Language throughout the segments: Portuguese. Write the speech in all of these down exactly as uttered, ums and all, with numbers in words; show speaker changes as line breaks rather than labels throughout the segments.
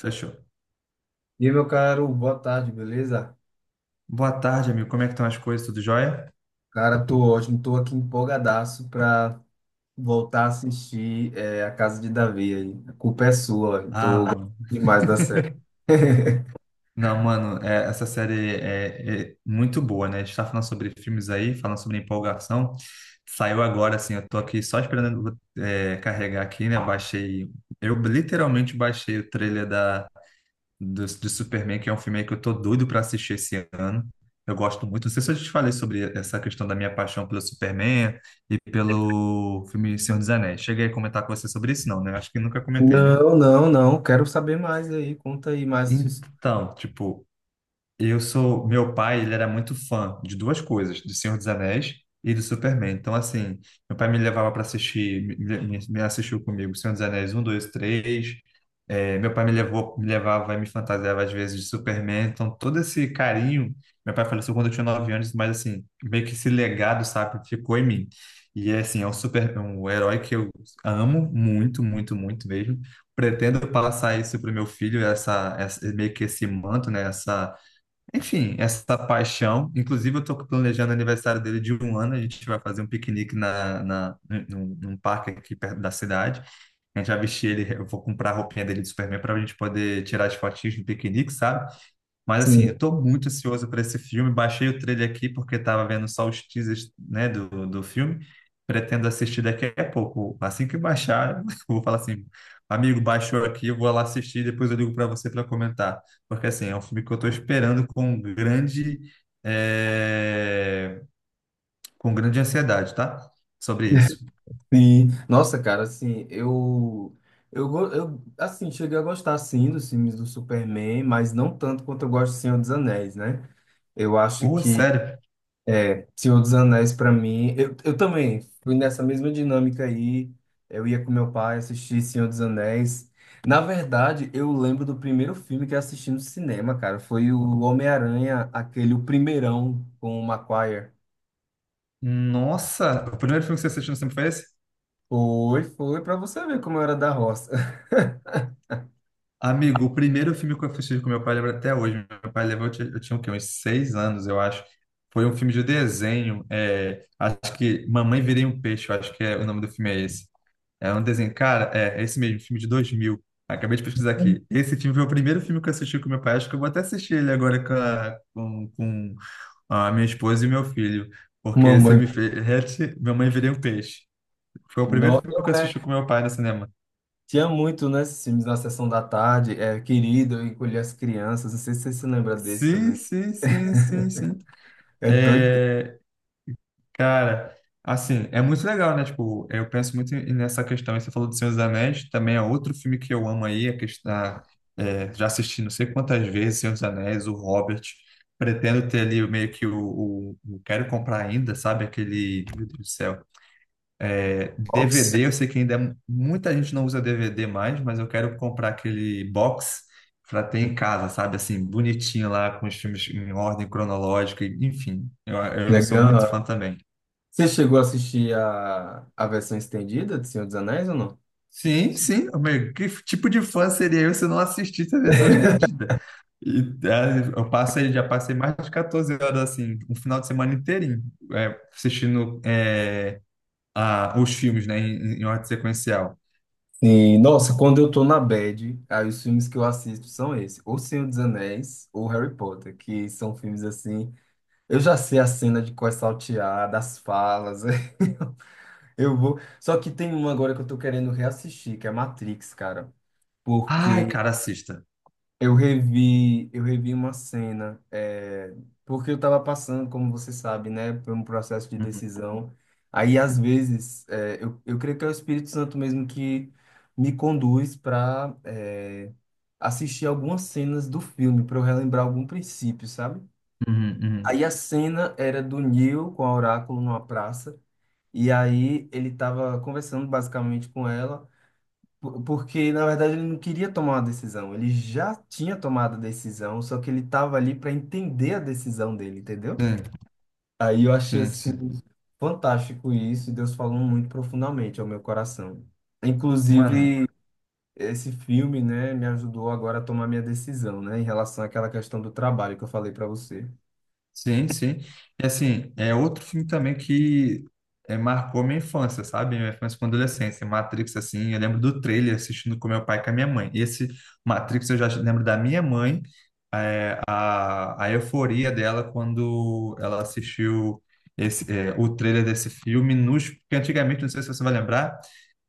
Fechou.
E aí, meu caro, boa tarde, beleza?
Boa tarde, amigo. Como é que estão as coisas? Tudo jóia?
Cara, tô ótimo, tô aqui empolgadaço pra voltar a assistir é, A Casa de Davi aí. A culpa é sua, eu
Ah,
tô gostando
mano.
demais da série.
Não, mano, é, essa série é, é muito boa, né? A gente tá falando sobre filmes aí, falando sobre empolgação. Saiu agora, assim, eu tô aqui só esperando é, carregar aqui, né? Baixei. Eu literalmente baixei o trailer da, do, de Superman, que é um filme aí que eu tô doido pra assistir esse ano. Eu gosto muito. Não sei se eu te falei sobre essa questão da minha paixão pelo Superman e pelo filme Senhor dos Anéis. Cheguei a comentar com você sobre isso, não, né? Acho que nunca comentei, né?
Não, não, não, quero saber mais aí, conta aí mais. su-
Então, tipo, eu sou, meu pai, ele era muito fã de duas coisas, do Senhor dos Anéis e do Superman. Então, assim, meu pai me levava para assistir, me, me me assistiu comigo Senhor dos Anéis um dois três. É, meu pai me levou, me levava e me fantasiava às vezes de Superman. Então, todo esse carinho, meu pai faleceu quando eu tinha nove anos, mas assim, meio que esse legado, sabe, ficou em mim. E é assim, é um super, é um herói que eu amo muito, muito, muito mesmo. Pretendo passar isso para o meu filho, essa, essa meio que esse manto, né, essa enfim, essa paixão. Inclusive, eu estou planejando o aniversário dele de um ano. A gente vai fazer um piquenique na, na, num, num parque aqui perto da cidade. A gente vai vestir ele. Eu vou comprar a roupinha dele de Superman para a gente poder tirar as fotinhas do piquenique, sabe? Mas assim,
Sim.
eu tô muito ansioso para esse filme. Baixei o trailer aqui porque estava vendo só os teasers, né, do, do filme. Pretendo assistir daqui a pouco. Assim que baixar, eu vou falar assim, amigo, baixou aqui, eu vou lá assistir, depois eu ligo para você para comentar. Porque assim, é um filme que eu tô esperando com grande, eh, com grande ansiedade, tá? Sobre isso.
Sim. Nossa, cara, assim, eu, eu, go- eu, assim, cheguei a gostar, sim, dos filmes do Superman, mas não tanto quanto eu gosto do Senhor dos Anéis, né? Eu acho
Ô,
que
sério.
Senhor dos Anéis para mim, eu, eu também fui nessa mesma dinâmica aí. Eu ia com meu pai assistir Senhor dos Anéis. Na verdade, eu lembro do primeiro filme que eu assisti no cinema, cara. Foi o Homem-Aranha, aquele o primeirão com o Maguire.
Nossa, o primeiro filme que você assistiu no cinema foi esse?
Foi, foi, para você ver como eu era da roça.
Amigo, o primeiro filme que eu assisti com meu pai, lembro até hoje. Meu pai levou, eu ti- eu tinha, o quê? Uns seis anos, eu acho. Foi um filme de desenho. É, acho que Mamãe Virei um Peixe, eu acho que é, o nome do filme é esse. É um desenho. Cara, é, é esse mesmo, filme de dois mil. Acabei de pesquisar aqui. Esse filme foi o primeiro filme que eu assisti com meu pai. Acho que eu vou até assistir ele agora com a, com, com a minha esposa e meu filho. Porque você
Mamãe,
me fez. Hatch, Mamãe Virei um Peixe. Foi o primeiro
não,
filme que
não
eu
é.
assisti com meu pai no cinema.
Tinha muito, né, esses filmes na sessão da tarde, é, Querido, Eu Encolhi as Crianças. Não sei se você se lembra desse
Sim,
também.
sim, sim, sim, sim.
É doido.
É, cara, assim, é muito legal, né? Tipo, eu penso muito em- nessa questão. E você falou do Senhor dos Anéis, também é outro filme que eu amo aí, a questão, é, já assisti não sei quantas vezes Senhor dos Anéis, o Hobbit. Pretendo ter ali o meio que o, o, o- quero comprar ainda, sabe? Aquele, meu Deus do céu.
Nossa,
D V D, eu sei que ainda é- muita gente não usa D V D mais, mas eu quero comprar aquele box para ter em casa, sabe? Assim, bonitinho lá, com os filmes em ordem cronológica, enfim. Eu, eu sou muito
legal.
fã também.
Você chegou a assistir a, a versão estendida de Senhor dos Anéis ou não?
Sim, sim, meu que tipo de fã seria eu se eu não assistisse a versão estendida? E, é, eu passei, já passei mais de catorze horas assim, um final de semana inteirinho, é, assistindo é, a- os filmes, né, em, em ordem sequencial.
Sim, nossa, quando eu tô na bad, aí os filmes que eu assisto são esses, ou Senhor dos Anéis ou Harry Potter, que são filmes assim. Eu já sei a cena de qual é saltear, das falas. Eu vou. Só que tem um agora que eu tô querendo reassistir, que é Matrix, cara.
Ai, cara, assista.
Eu revi, eu revi uma cena, é, porque eu estava passando, como você sabe, né, por um processo de
Uhum,
decisão. Aí, às vezes, é, eu, eu creio que é o Espírito Santo mesmo que me conduz para assistir algumas cenas do filme, para eu relembrar algum princípio, sabe?
uhum,
Aí a cena era do Neo com a Oráculo numa praça, e aí ele estava conversando basicamente com ela. Por- Porque, na verdade, ele não queria tomar uma decisão. Ele já tinha tomado a decisão, só que ele estava ali para entender a decisão dele, entendeu?
uhum.
Aí eu achei
Sim, sim, sim.
assim fantástico isso, e Deus falou muito profundamente ao meu coração.
Mano,
Inclusive, esse filme, né, me ajudou agora a tomar minha decisão, né, em relação àquela questão do trabalho que eu falei para você.
sim, sim. E assim, é outro filme também que é, marcou minha infância, sabe? Minha infância com adolescência. Matrix, assim, eu lembro do trailer assistindo com meu pai e com a minha mãe. E esse Matrix eu já lembro da minha mãe, é, a, a euforia dela quando ela assistiu esse, é, o trailer desse filme, nos, porque antigamente, não sei se você vai lembrar,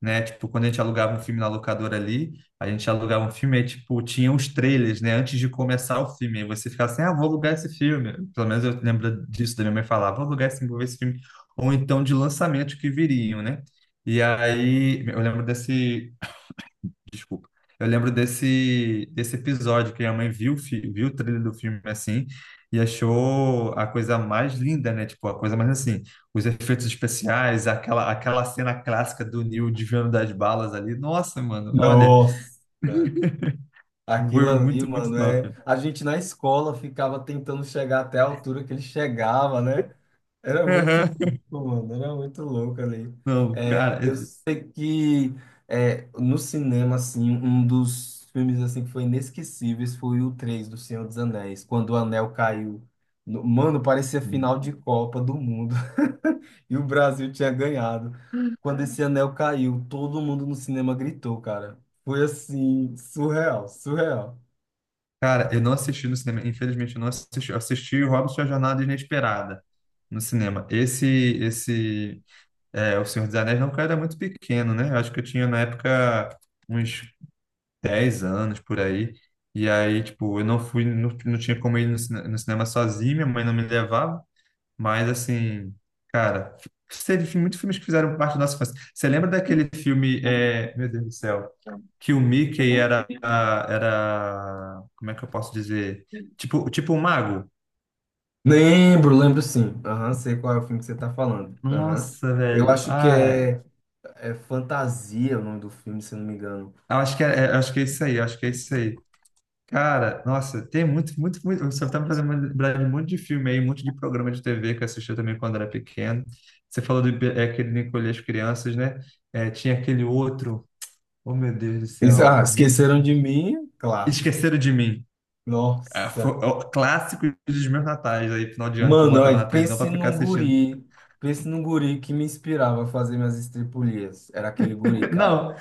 né? Tipo, quando a gente alugava um filme na locadora ali. A gente alugava um filme, aí, tipo, tinha uns trailers, né? Antes de começar o filme. Aí você ficava assim, ah, vou alugar esse filme. Pelo menos eu lembro disso, da minha mãe falar, vou alugar esse, vou ver esse filme. Ou então de lançamento que viriam, né? E aí, eu lembro desse... Desculpa. Eu lembro desse, desse episódio que a mãe viu, o fi- viu o trailer do filme, assim, e achou a coisa mais linda, né? Tipo, a coisa mais, assim, os efeitos especiais, aquela, aquela cena clássica do Neil desviando das balas ali. Nossa, mano, olha...
Nossa! Aquilo
Humor
ali,
muito, muito
mano, é.
top.
A gente na escola ficava tentando chegar até a altura que ele chegava, né? Era muito
Aham.
louco, mano, era muito louco ali.
Não,
É,
cara,
eu
esse-
sei que é, no cinema, assim, um dos filmes assim, que foi inesquecíveis foi o três do Senhor dos Anéis, quando o anel caiu. No- Mano, parecia final de Copa do Mundo. E o Brasil tinha ganhado. Quando esse anel caiu, todo mundo no cinema gritou, cara. Foi assim, surreal, surreal.
cara, eu não assisti no cinema, infelizmente eu não assisti. Eu assisti o Hobbit e a Jornada Inesperada no cinema. Esse, esse, é, O Senhor dos Anéis, não, cara, era muito pequeno, né? Eu acho que eu tinha na época uns dez anos por aí. E aí, tipo, eu não fui, não, não tinha como ir no, cine- no cinema sozinho, minha mãe não me levava. Mas, assim, cara, teve muitos filmes que fizeram parte da nossa infância. Você lembra daquele filme, é, meu Deus do céu, que o Mickey era, era, como é que eu posso dizer? Tipo, tipo um mago?
Lembro, lembro sim. Aham, sei qual é o filme que você tá falando. Aham.
Nossa,
Eu
velho.
acho que
Ai,
é. É Fantasia o nome do filme, se eu não me engano.
eu acho que é, é, eu acho que é isso aí, eu acho que é isso aí. Cara, nossa, tem muito, muito, muito. Você tá me fazendo lembrar de um monte de filme aí, um monte de programa de T V que eu assistia também quando era pequeno. Você falou do, é, aquele Encolher as Crianças, né? É, tinha aquele outro. Oh, meu Deus do
Isso, ah,
céu, muito
Esqueceram
fã.
de Mim, clássico.
Esqueceram de Mim. É, foi-
Nossa.
é o clássico dos meus natais aí, final de ano que eu
Mano,
botava na
olha,
televisão
pense
pra ficar
num
assistindo.
guri. Pense num guri que me inspirava a fazer minhas estripulias. Era aquele guri, cara.
Não.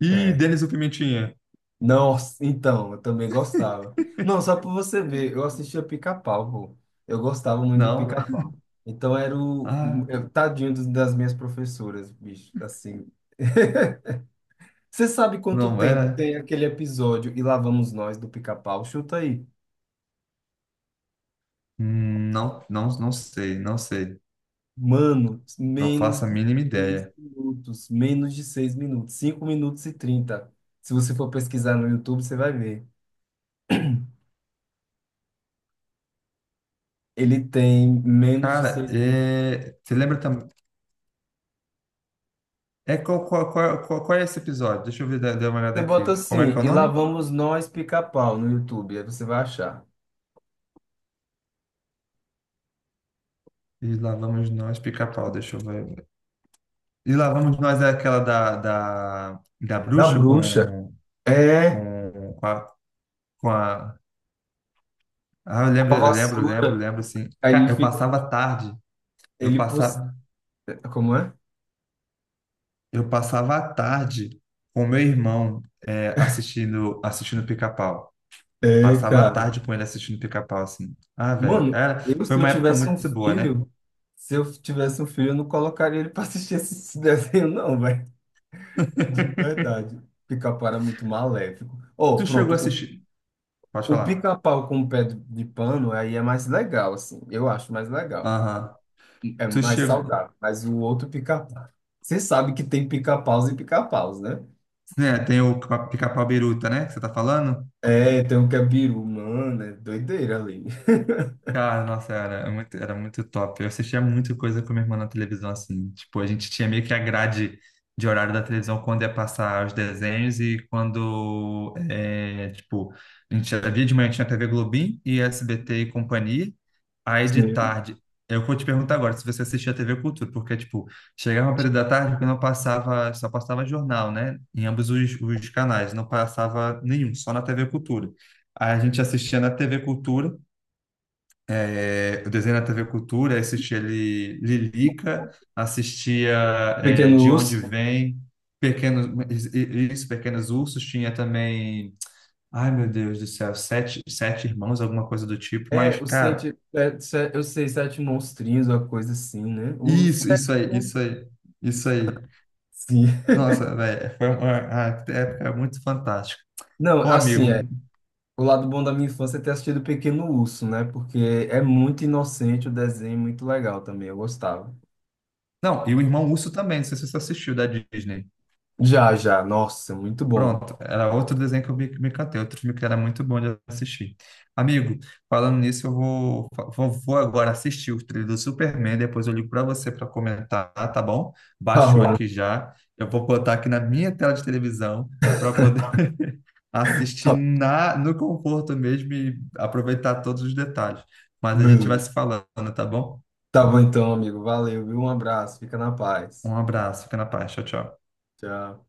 E
É.
Denis o Pimentinha?
Nossa, então, eu também gostava. Não, só pra você ver, eu assistia Pica-Pau, pô. Eu gostava muito do
Não, velho.
Pica-Pau. Então era o
Ah,
eu- tadinho dos- das minhas professoras, bicho, assim. Você sabe quanto
não,
tempo
é.
tem aquele episódio e lá vamos nós do Pica-Pau? Chuta aí.
Hum, Não, não, não sei, não sei.
Mano,
Não
menos
faço a
de
mínima
seis
ideia.
minutos. Menos de seis minutos. Cinco minutos e trinta. Se você for pesquisar no YouTube, você vai ver. Ele tem menos de
Cara,
seis minutos.
é... você lembra também? É qual, qual, qual, qual, qual é esse episódio? Deixa eu ver, dar dar uma olhada
Você bota
aqui. Como é que
assim,
é o
e lá
nome?
vamos nós pica-pau no YouTube. Aí você vai achar.
E lá vamos nós, pica-pau. Deixa eu ver. E lá vamos nós é aquela da, da, da
Da
bruxa
bruxa.
com,
É,
com, com a, com a- ah, eu
com
lembro,
a
eu lembro, eu lembro, eu
vassoura.
lembro, assim.
Aí ele
Cara, eu
fica.
passava a tarde, eu
Ele. pus-
passava,
Como é?
eu passava a tarde com meu irmão é, assistindo, assistindo Pica-Pau.
É,
Passava a
cara.
tarde com ele assistindo Pica-Pau, assim. Ah, velho,
Mano,
era-
eu
foi
se eu
uma época
tivesse
muito
um
boa, né?
filho. Se eu tivesse um filho, eu não colocaria ele pra assistir esse esse desenho, não. De verdade. Pica-pau era muito maléfico. Oh,
Tu chegou a
pronto.
assistir? Pode
O, o
falar.
pica-pau com o pé de, de pano aí é mais legal, assim. Eu acho mais legal.
Aham.
É
Tu
mais
chegou...
saudável. Mas o outro pica-pau. Você sabe que tem pica-paus e pica-paus, né?
É, tem o Pica-Pau Biruta, né? Que você tá falando?
É, tem um que é biru, mano, é doideira ali.
Cara, nossa, era era muito, era muito top. Eu assistia muita coisa com minha irmã na televisão, assim. Tipo, a gente tinha meio que a grade de horário da televisão quando ia passar os desenhos e quando, é, tipo, a gente havia de manhã tinha T V Globinho e S B T e companhia. Aí de
Sim.
tarde, eu vou te perguntar agora se você assistia T V Cultura, porque, tipo, chegava um período da tarde que não passava, só passava jornal, né? Em ambos os, os canais, não passava nenhum, só na T V Cultura. Aí a gente assistia na T V Cultura é, eu desenho na T V Cultura, assistia ali Lilica, assistia é,
Pequeno
De Onde
urso.
Vem, Pequenos, isso, Pequenos Ursos, tinha também, ai meu Deus do céu, Sete, Sete Irmãos, alguma coisa do tipo, mas,
É, os
cara,
sete, é, se- eu sei, sete monstrinhos, uma coisa assim, né? Os
isso,
sete.
isso aí,
mon-
isso aí, isso aí.
Sim.
Nossa, velho, foi uma a época é muito fantástica.
Não,
Ô,
assim, é,
amigo,
o lado bom da minha infância é ter assistido Pequeno Urso, né? Porque é muito inocente o desenho, muito legal também, eu gostava.
não, e o Irmão Urso também, não sei se você assistiu da Disney.
Já, já, nossa, muito bom.
Pronto, era outro desenho que eu vi que me catei, outro filme que era muito bom de assistir. Amigo, falando nisso, eu vou, vou, vou agora assistir o trailer do Superman, depois eu ligo para você para comentar, tá bom?
Tá
Baixou aqui
bom.
já, eu vou botar aqui na minha tela de televisão para poder assistir
Tá, tá,
na, no conforto mesmo e aproveitar todos os detalhes. Mas a gente vai
beleza.
se falando, tá bom?
Tá bom então, amigo, valeu, viu? Um abraço, fica na paz.
Um abraço, fica na paz, tchau, tchau.
Tchau.